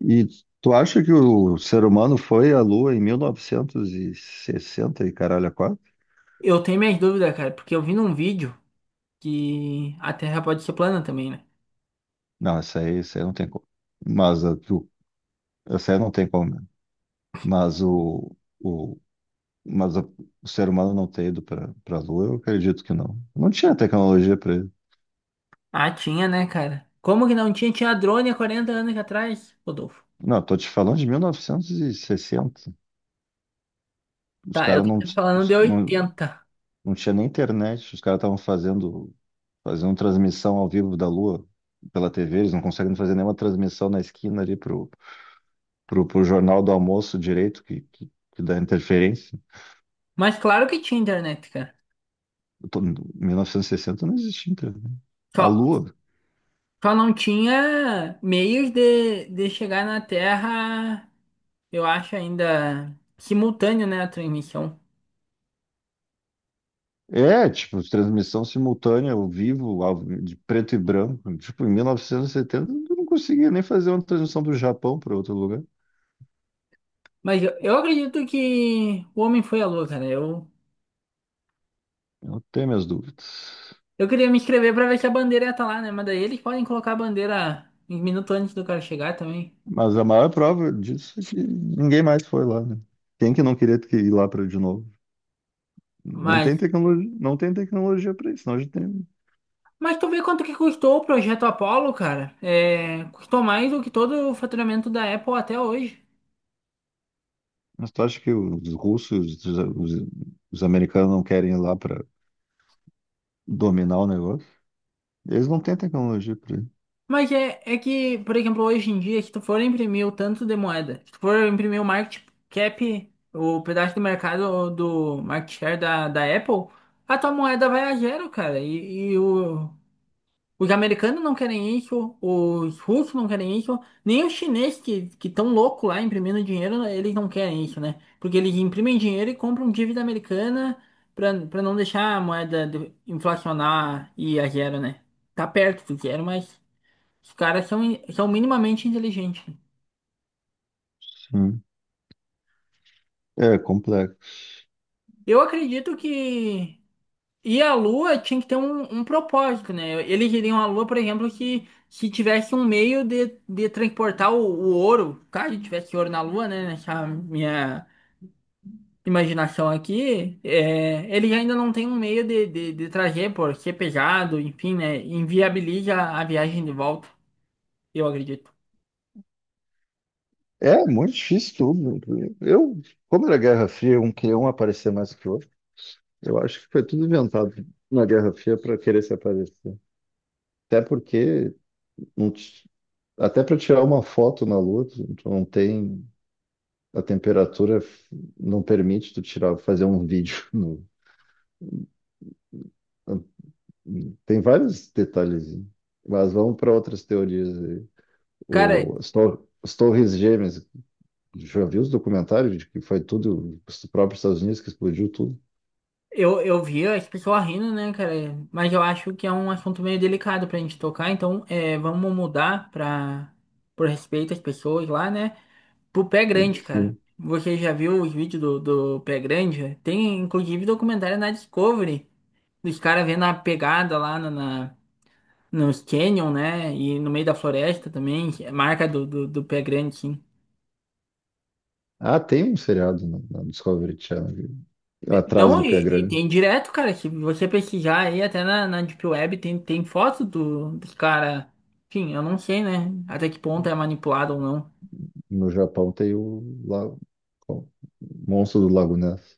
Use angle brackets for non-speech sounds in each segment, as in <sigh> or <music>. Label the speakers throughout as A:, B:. A: E tu acha que o ser humano foi à Lua em mil novecentos e sessenta e caralho a quatro?
B: Eu tenho minhas dúvidas, cara, porque eu vi num vídeo que a Terra pode ser plana também, né?
A: Não, essa aí não tem como. Mas a, tu, essa aí não tem como, né? Mas o, o, mas a- o ser humano não ter ido para a Lua, eu acredito que não. Não tinha tecnologia para ele.
B: Ah, tinha, né, cara? Como que não tinha? Tinha drone há 40 anos atrás, Rodolfo.
A: Não, tô te falando de 1960. Os
B: Tá, eu
A: caras
B: tô falando de
A: não,
B: 80.
A: não tinha nem internet. Os caras estavam fazendo transmissão ao vivo da Lua pela TV. Eles não conseguem fazer nenhuma transmissão na esquina ali pro Jornal do Almoço direito, que dá interferência.
B: Mas claro que tinha internet, cara.
A: 1960 não existia internet.
B: Só,
A: A Lua.
B: só não tinha meios de chegar na Terra, eu acho ainda simultâneo, né, a transmissão.
A: É, tipo, transmissão simultânea, ao vivo, de preto e branco. Tipo, em 1970 eu não conseguia nem fazer uma transmissão do Japão para outro lugar.
B: Mas eu acredito que o homem foi à lua, cara.
A: Eu tenho minhas dúvidas.
B: Eu queria me inscrever pra ver se a bandeira ia estar lá, né? Mas daí eles podem colocar a bandeira um minuto antes do cara chegar também.
A: Mas a maior prova disso é que ninguém mais foi lá, né? Quem que não queria ter que ir lá para de novo? Não
B: Mas,
A: tem tecnologia, não tem tecnologia para isso, senão a gente tem.
B: mas tu vê quanto que custou o projeto Apollo, cara? É, custou mais do que todo o faturamento da Apple até hoje.
A: Mas tu acha que os russos, os americanos não querem ir lá para dominar o negócio? Eles não têm tecnologia para isso.
B: Mas é que, por exemplo, hoje em dia, se tu for imprimir o tanto de moeda, se tu for imprimir o market cap, o pedaço do mercado do market share da Apple, a tua moeda vai a zero, cara. Os americanos não querem isso, os russos não querem isso, nem os chineses que estão loucos lá imprimindo dinheiro, eles não querem isso, né? Porque eles imprimem dinheiro e compram dívida americana para não deixar a moeda inflacionar e ir a zero, né? Tá perto do zero, mas os caras são minimamente inteligentes.
A: Sim. É complexo.
B: Eu acredito que E a Lua tinha que ter um propósito, né? Eles iriam a Lua, por exemplo, que tivesse um meio de transportar o ouro. Caso tivesse ouro na Lua, né? Nessa minha imaginação aqui, eles ainda não tem um meio de trazer, por ser pesado, enfim, né? Inviabiliza a viagem de volta, eu acredito.
A: É muito difícil tudo. Eu, como era Guerra Fria, um queria um aparecer mais que o outro. Eu acho que foi tudo inventado na Guerra Fria para querer se aparecer. Até porque não ti- até para tirar uma foto na Lua, tu não tem a temperatura f- não permite tu tirar fazer um <laughs> vídeo no. Tem vários detalhes, mas vamos para outras teorias aí.
B: Cara,
A: O, as, tor as Torres Gêmeas, já viu os documentários de que foi tudo, os próprios Estados Unidos que explodiu tudo?
B: eu vi as pessoas rindo, né, cara? Mas eu acho que é um assunto meio delicado pra gente tocar, então vamos mudar por respeito às pessoas lá, né? Pro Pé Grande, cara.
A: Sim.
B: Você já viu os vídeos do Pé Grande? Tem inclusive documentário na Discovery. Os caras vendo a pegada lá nos Canyon, né? E no meio da floresta também. É marca do Pé Grande, sim.
A: Ah, tem um seriado na Discovery Channel, atrás
B: Não,
A: do Pé
B: e
A: Grande.
B: tem direto, cara. Se você pesquisar aí, até na Deep Web, tem foto dos cara. Enfim, eu não sei, né? Até que ponto é manipulado ou não.
A: No Japão tem o Monstro do Lago Ness.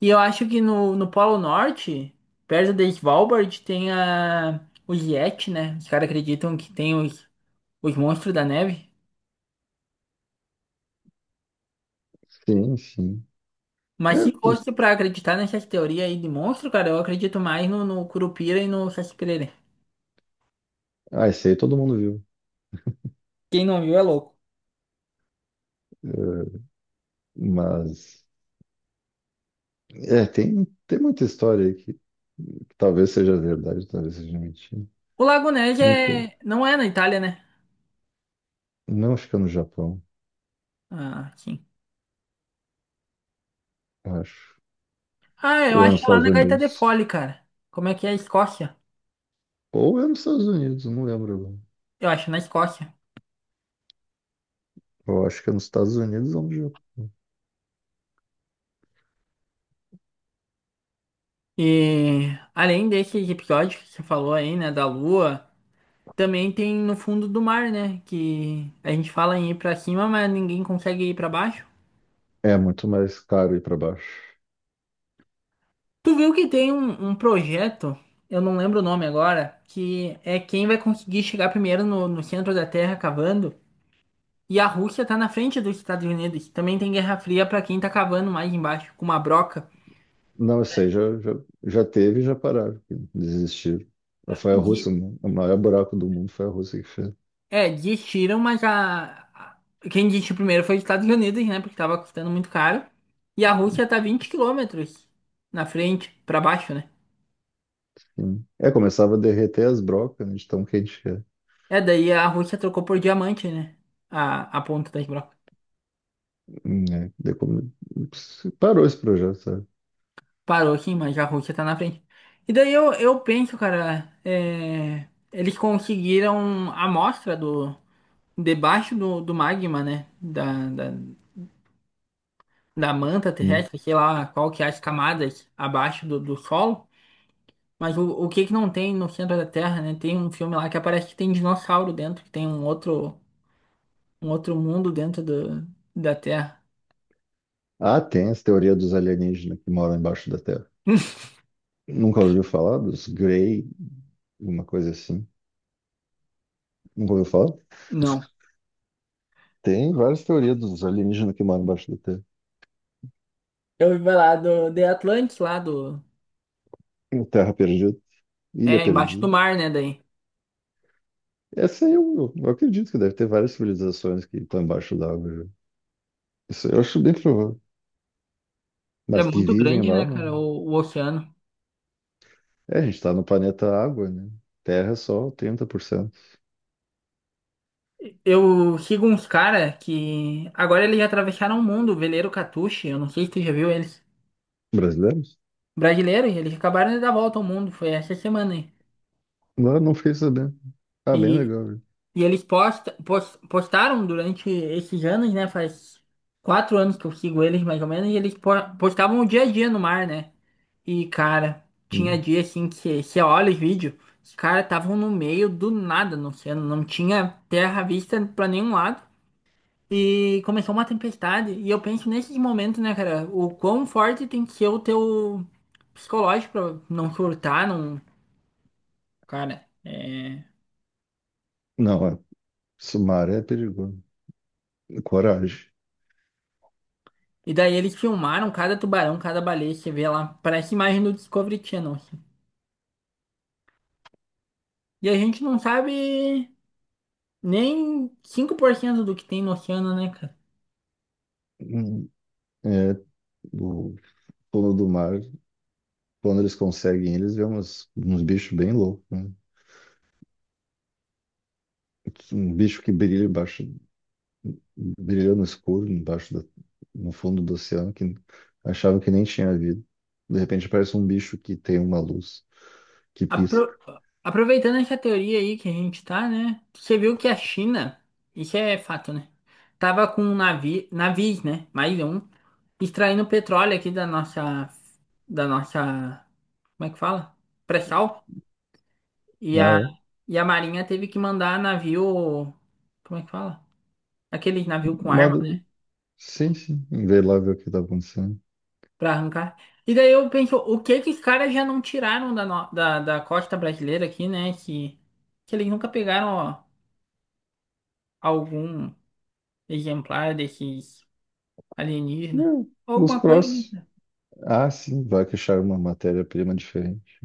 B: E eu acho que no Polo Norte, perto de Svalbard, tem os Yeti, né? Os caras acreditam que tem os monstros da neve.
A: Sim, sim.
B: Mas
A: É,
B: se
A: dos-
B: fosse pra acreditar nessas teorias aí de monstro, cara, eu acredito mais no Curupira e no Saci-Pererê.
A: ah, esse aí todo mundo viu.
B: Quem não viu é louco.
A: Mas, é, tem muita história aí que talvez seja verdade, talvez seja mentira.
B: O Lago Nege
A: Nunca.
B: não é na Itália, né?
A: Não, acho que é no Japão,
B: Ah, sim.
A: acho.
B: Ah, eu
A: Ou é
B: acho
A: nos
B: lá
A: Estados
B: na Gaita de
A: Unidos.
B: Fole, cara. Como é que é a Escócia?
A: Ou é nos Estados Unidos, não lembro agora.
B: Eu acho na Escócia.
A: Eu acho que é nos Estados Unidos ou no Japão.
B: E além desses episódios que você falou aí, né, da Lua. Também tem no fundo do mar, né? Que a gente fala em ir pra cima, mas ninguém consegue ir pra baixo.
A: É muito mais caro ir para baixo.
B: Tu viu que tem um projeto, eu não lembro o nome agora, que é quem vai conseguir chegar primeiro no centro da Terra cavando. E a Rússia tá na frente dos Estados Unidos. Também tem Guerra Fria pra quem tá cavando mais embaixo, com uma broca.
A: Não, eu sei, já teve e já pararam, desistiram. Foi a
B: Di-
A: Rússia, né? O maior buraco do mundo foi a Rússia que fez.
B: diz tiram, mas quem disse primeiro foi os Estados Unidos, né? Porque tava custando muito caro. E a Rússia tá 20 quilômetros na frente, pra baixo, né?
A: Sim. É, começava a derreter as brocas, né, de tão quente que é.
B: É, daí a Rússia trocou por diamante, né? A ponta da broca.
A: É. Parou esse projeto, sabe?
B: Parou aqui, mas a Rússia tá na frente. E daí eu penso, cara, eles conseguiram a amostra debaixo do magma, né? Da manta
A: Sim.
B: terrestre, sei lá qual que é as camadas abaixo do solo. Mas o que que não tem no centro da Terra, né? Tem um filme lá que aparece que tem dinossauro dentro, que tem um outro mundo dentro da Terra.
A: Ah, tem as teorias dos alienígenas que moram embaixo da Terra.
B: <laughs>
A: Nunca ouviu falar dos Grey, uma coisa assim. Nunca ouviu falar?
B: Não.
A: Tem várias teorias dos alienígenas que moram embaixo da Terra.
B: Eu ouvi falar do The Atlantis lá do.
A: Terra perdida, ilha
B: É, embaixo do
A: perdida.
B: mar, né? Daí.
A: Essa aí eu acredito que deve ter várias civilizações que estão embaixo da água já. Isso eu acho bem provável. Mas
B: Ele é
A: que
B: muito
A: vivem
B: grande,
A: lá,
B: né, cara, o oceano.
A: É, a gente está no planeta água, né? Terra é só 30%.
B: Eu sigo uns cara que. Agora eles já atravessaram o mundo, o veleiro Catuche, eu não sei se tu já viu eles.
A: Brasileiros?
B: Brasileiro, e eles acabaram de dar a volta ao mundo, foi essa semana aí.
A: Lá não fiquei sabendo. Ah, bem
B: E
A: legal, viu?
B: E eles postaram durante esses anos, né? Faz 4 anos que eu sigo eles, mais ou menos, e eles postavam o dia a dia no mar, né? E, cara, tinha
A: Hum.
B: dia assim que você olha os vídeos, os caras estavam no meio do nada no oceano, não tinha terra à vista pra nenhum lado. E começou uma tempestade. E eu penso nesses momentos, né, cara, o quão forte tem que ser o teu psicológico pra não surtar, não. Cara.
A: Não, é. Isso, mar é perigoso. Coragem.
B: E daí eles filmaram cada tubarão, cada baleia, você vê lá, parece imagem do Discovery Channel assim. E a gente não sabe nem 5% do que tem no oceano, né, cara?
A: Hum. É, o fundo do mar Quando eles conseguem, eles vê uns bichos bem loucos, né? Um bicho que brilha embaixo, brilha no escuro, no fundo do oceano, que achava que nem tinha vida. De repente aparece um bicho que tem uma luz, que pisca.
B: Apro- Aproveitando essa teoria aí que a gente tá, né? Você viu que a China, isso é fato, né? Tava com um navio, navios, né? Mais um, extraindo petróleo aqui da nossa, como é que fala? Pré-sal. E
A: Ah,
B: a,
A: é?
B: e a Marinha teve que mandar navio, como é que fala? Aquele navio com
A: Uma,
B: arma né,
A: sim, sim. Vê lá ver o que tá acontecendo.
B: pra arrancar. E daí eu penso, o que que os caras já não tiraram da, no- da, da costa brasileira aqui, né? Que eles nunca pegaram ó, algum exemplar desses alienígenas.
A: Não, os
B: Alguma coisa, né,
A: próximos.
B: cara?
A: Ah, sim, vai que acharam uma matéria-prima diferente.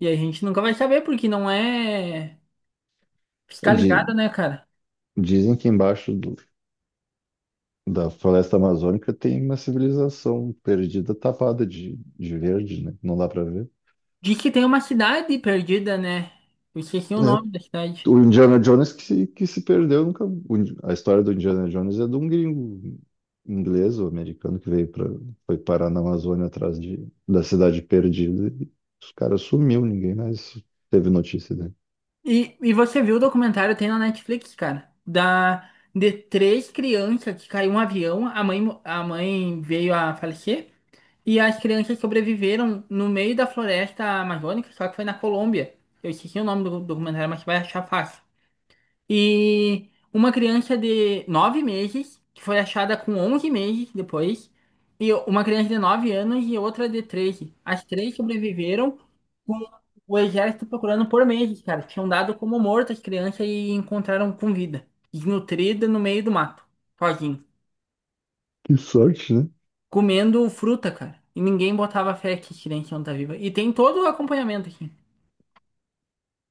B: E a gente nunca vai saber, porque não é
A: É,
B: fiscalizado, né, cara?
A: dizem que da floresta amazônica tem uma civilização perdida, tapada de verde, né? Não dá para ver.
B: Diz que tem uma cidade perdida, né? Eu esqueci o nome da
A: É.
B: cidade.
A: O Indiana Jones que se perdeu nunca. A história do Indiana Jones é de um gringo inglês ou americano que veio para foi parar na Amazônia da cidade perdida. E os caras sumiu, ninguém mais teve notícia dele.
B: E você viu o documentário, tem na Netflix, cara, de três crianças que caiu um avião, a mãe veio a falecer, e as crianças sobreviveram no meio da floresta amazônica, só que foi na Colômbia. Eu esqueci o nome do documentário, mas você vai achar fácil. E uma criança de 9 meses, que foi achada com 11 meses depois, e uma criança de 9 anos e outra de 13. As três sobreviveram com o exército procurando por meses, cara. Tinham dado como morta as crianças e encontraram com vida, desnutrida no meio do mato, sozinho,
A: Que sorte, né?
B: comendo fruta, cara. E ninguém botava fé que as crianças iam estar vivas. E tem todo o acompanhamento aqui.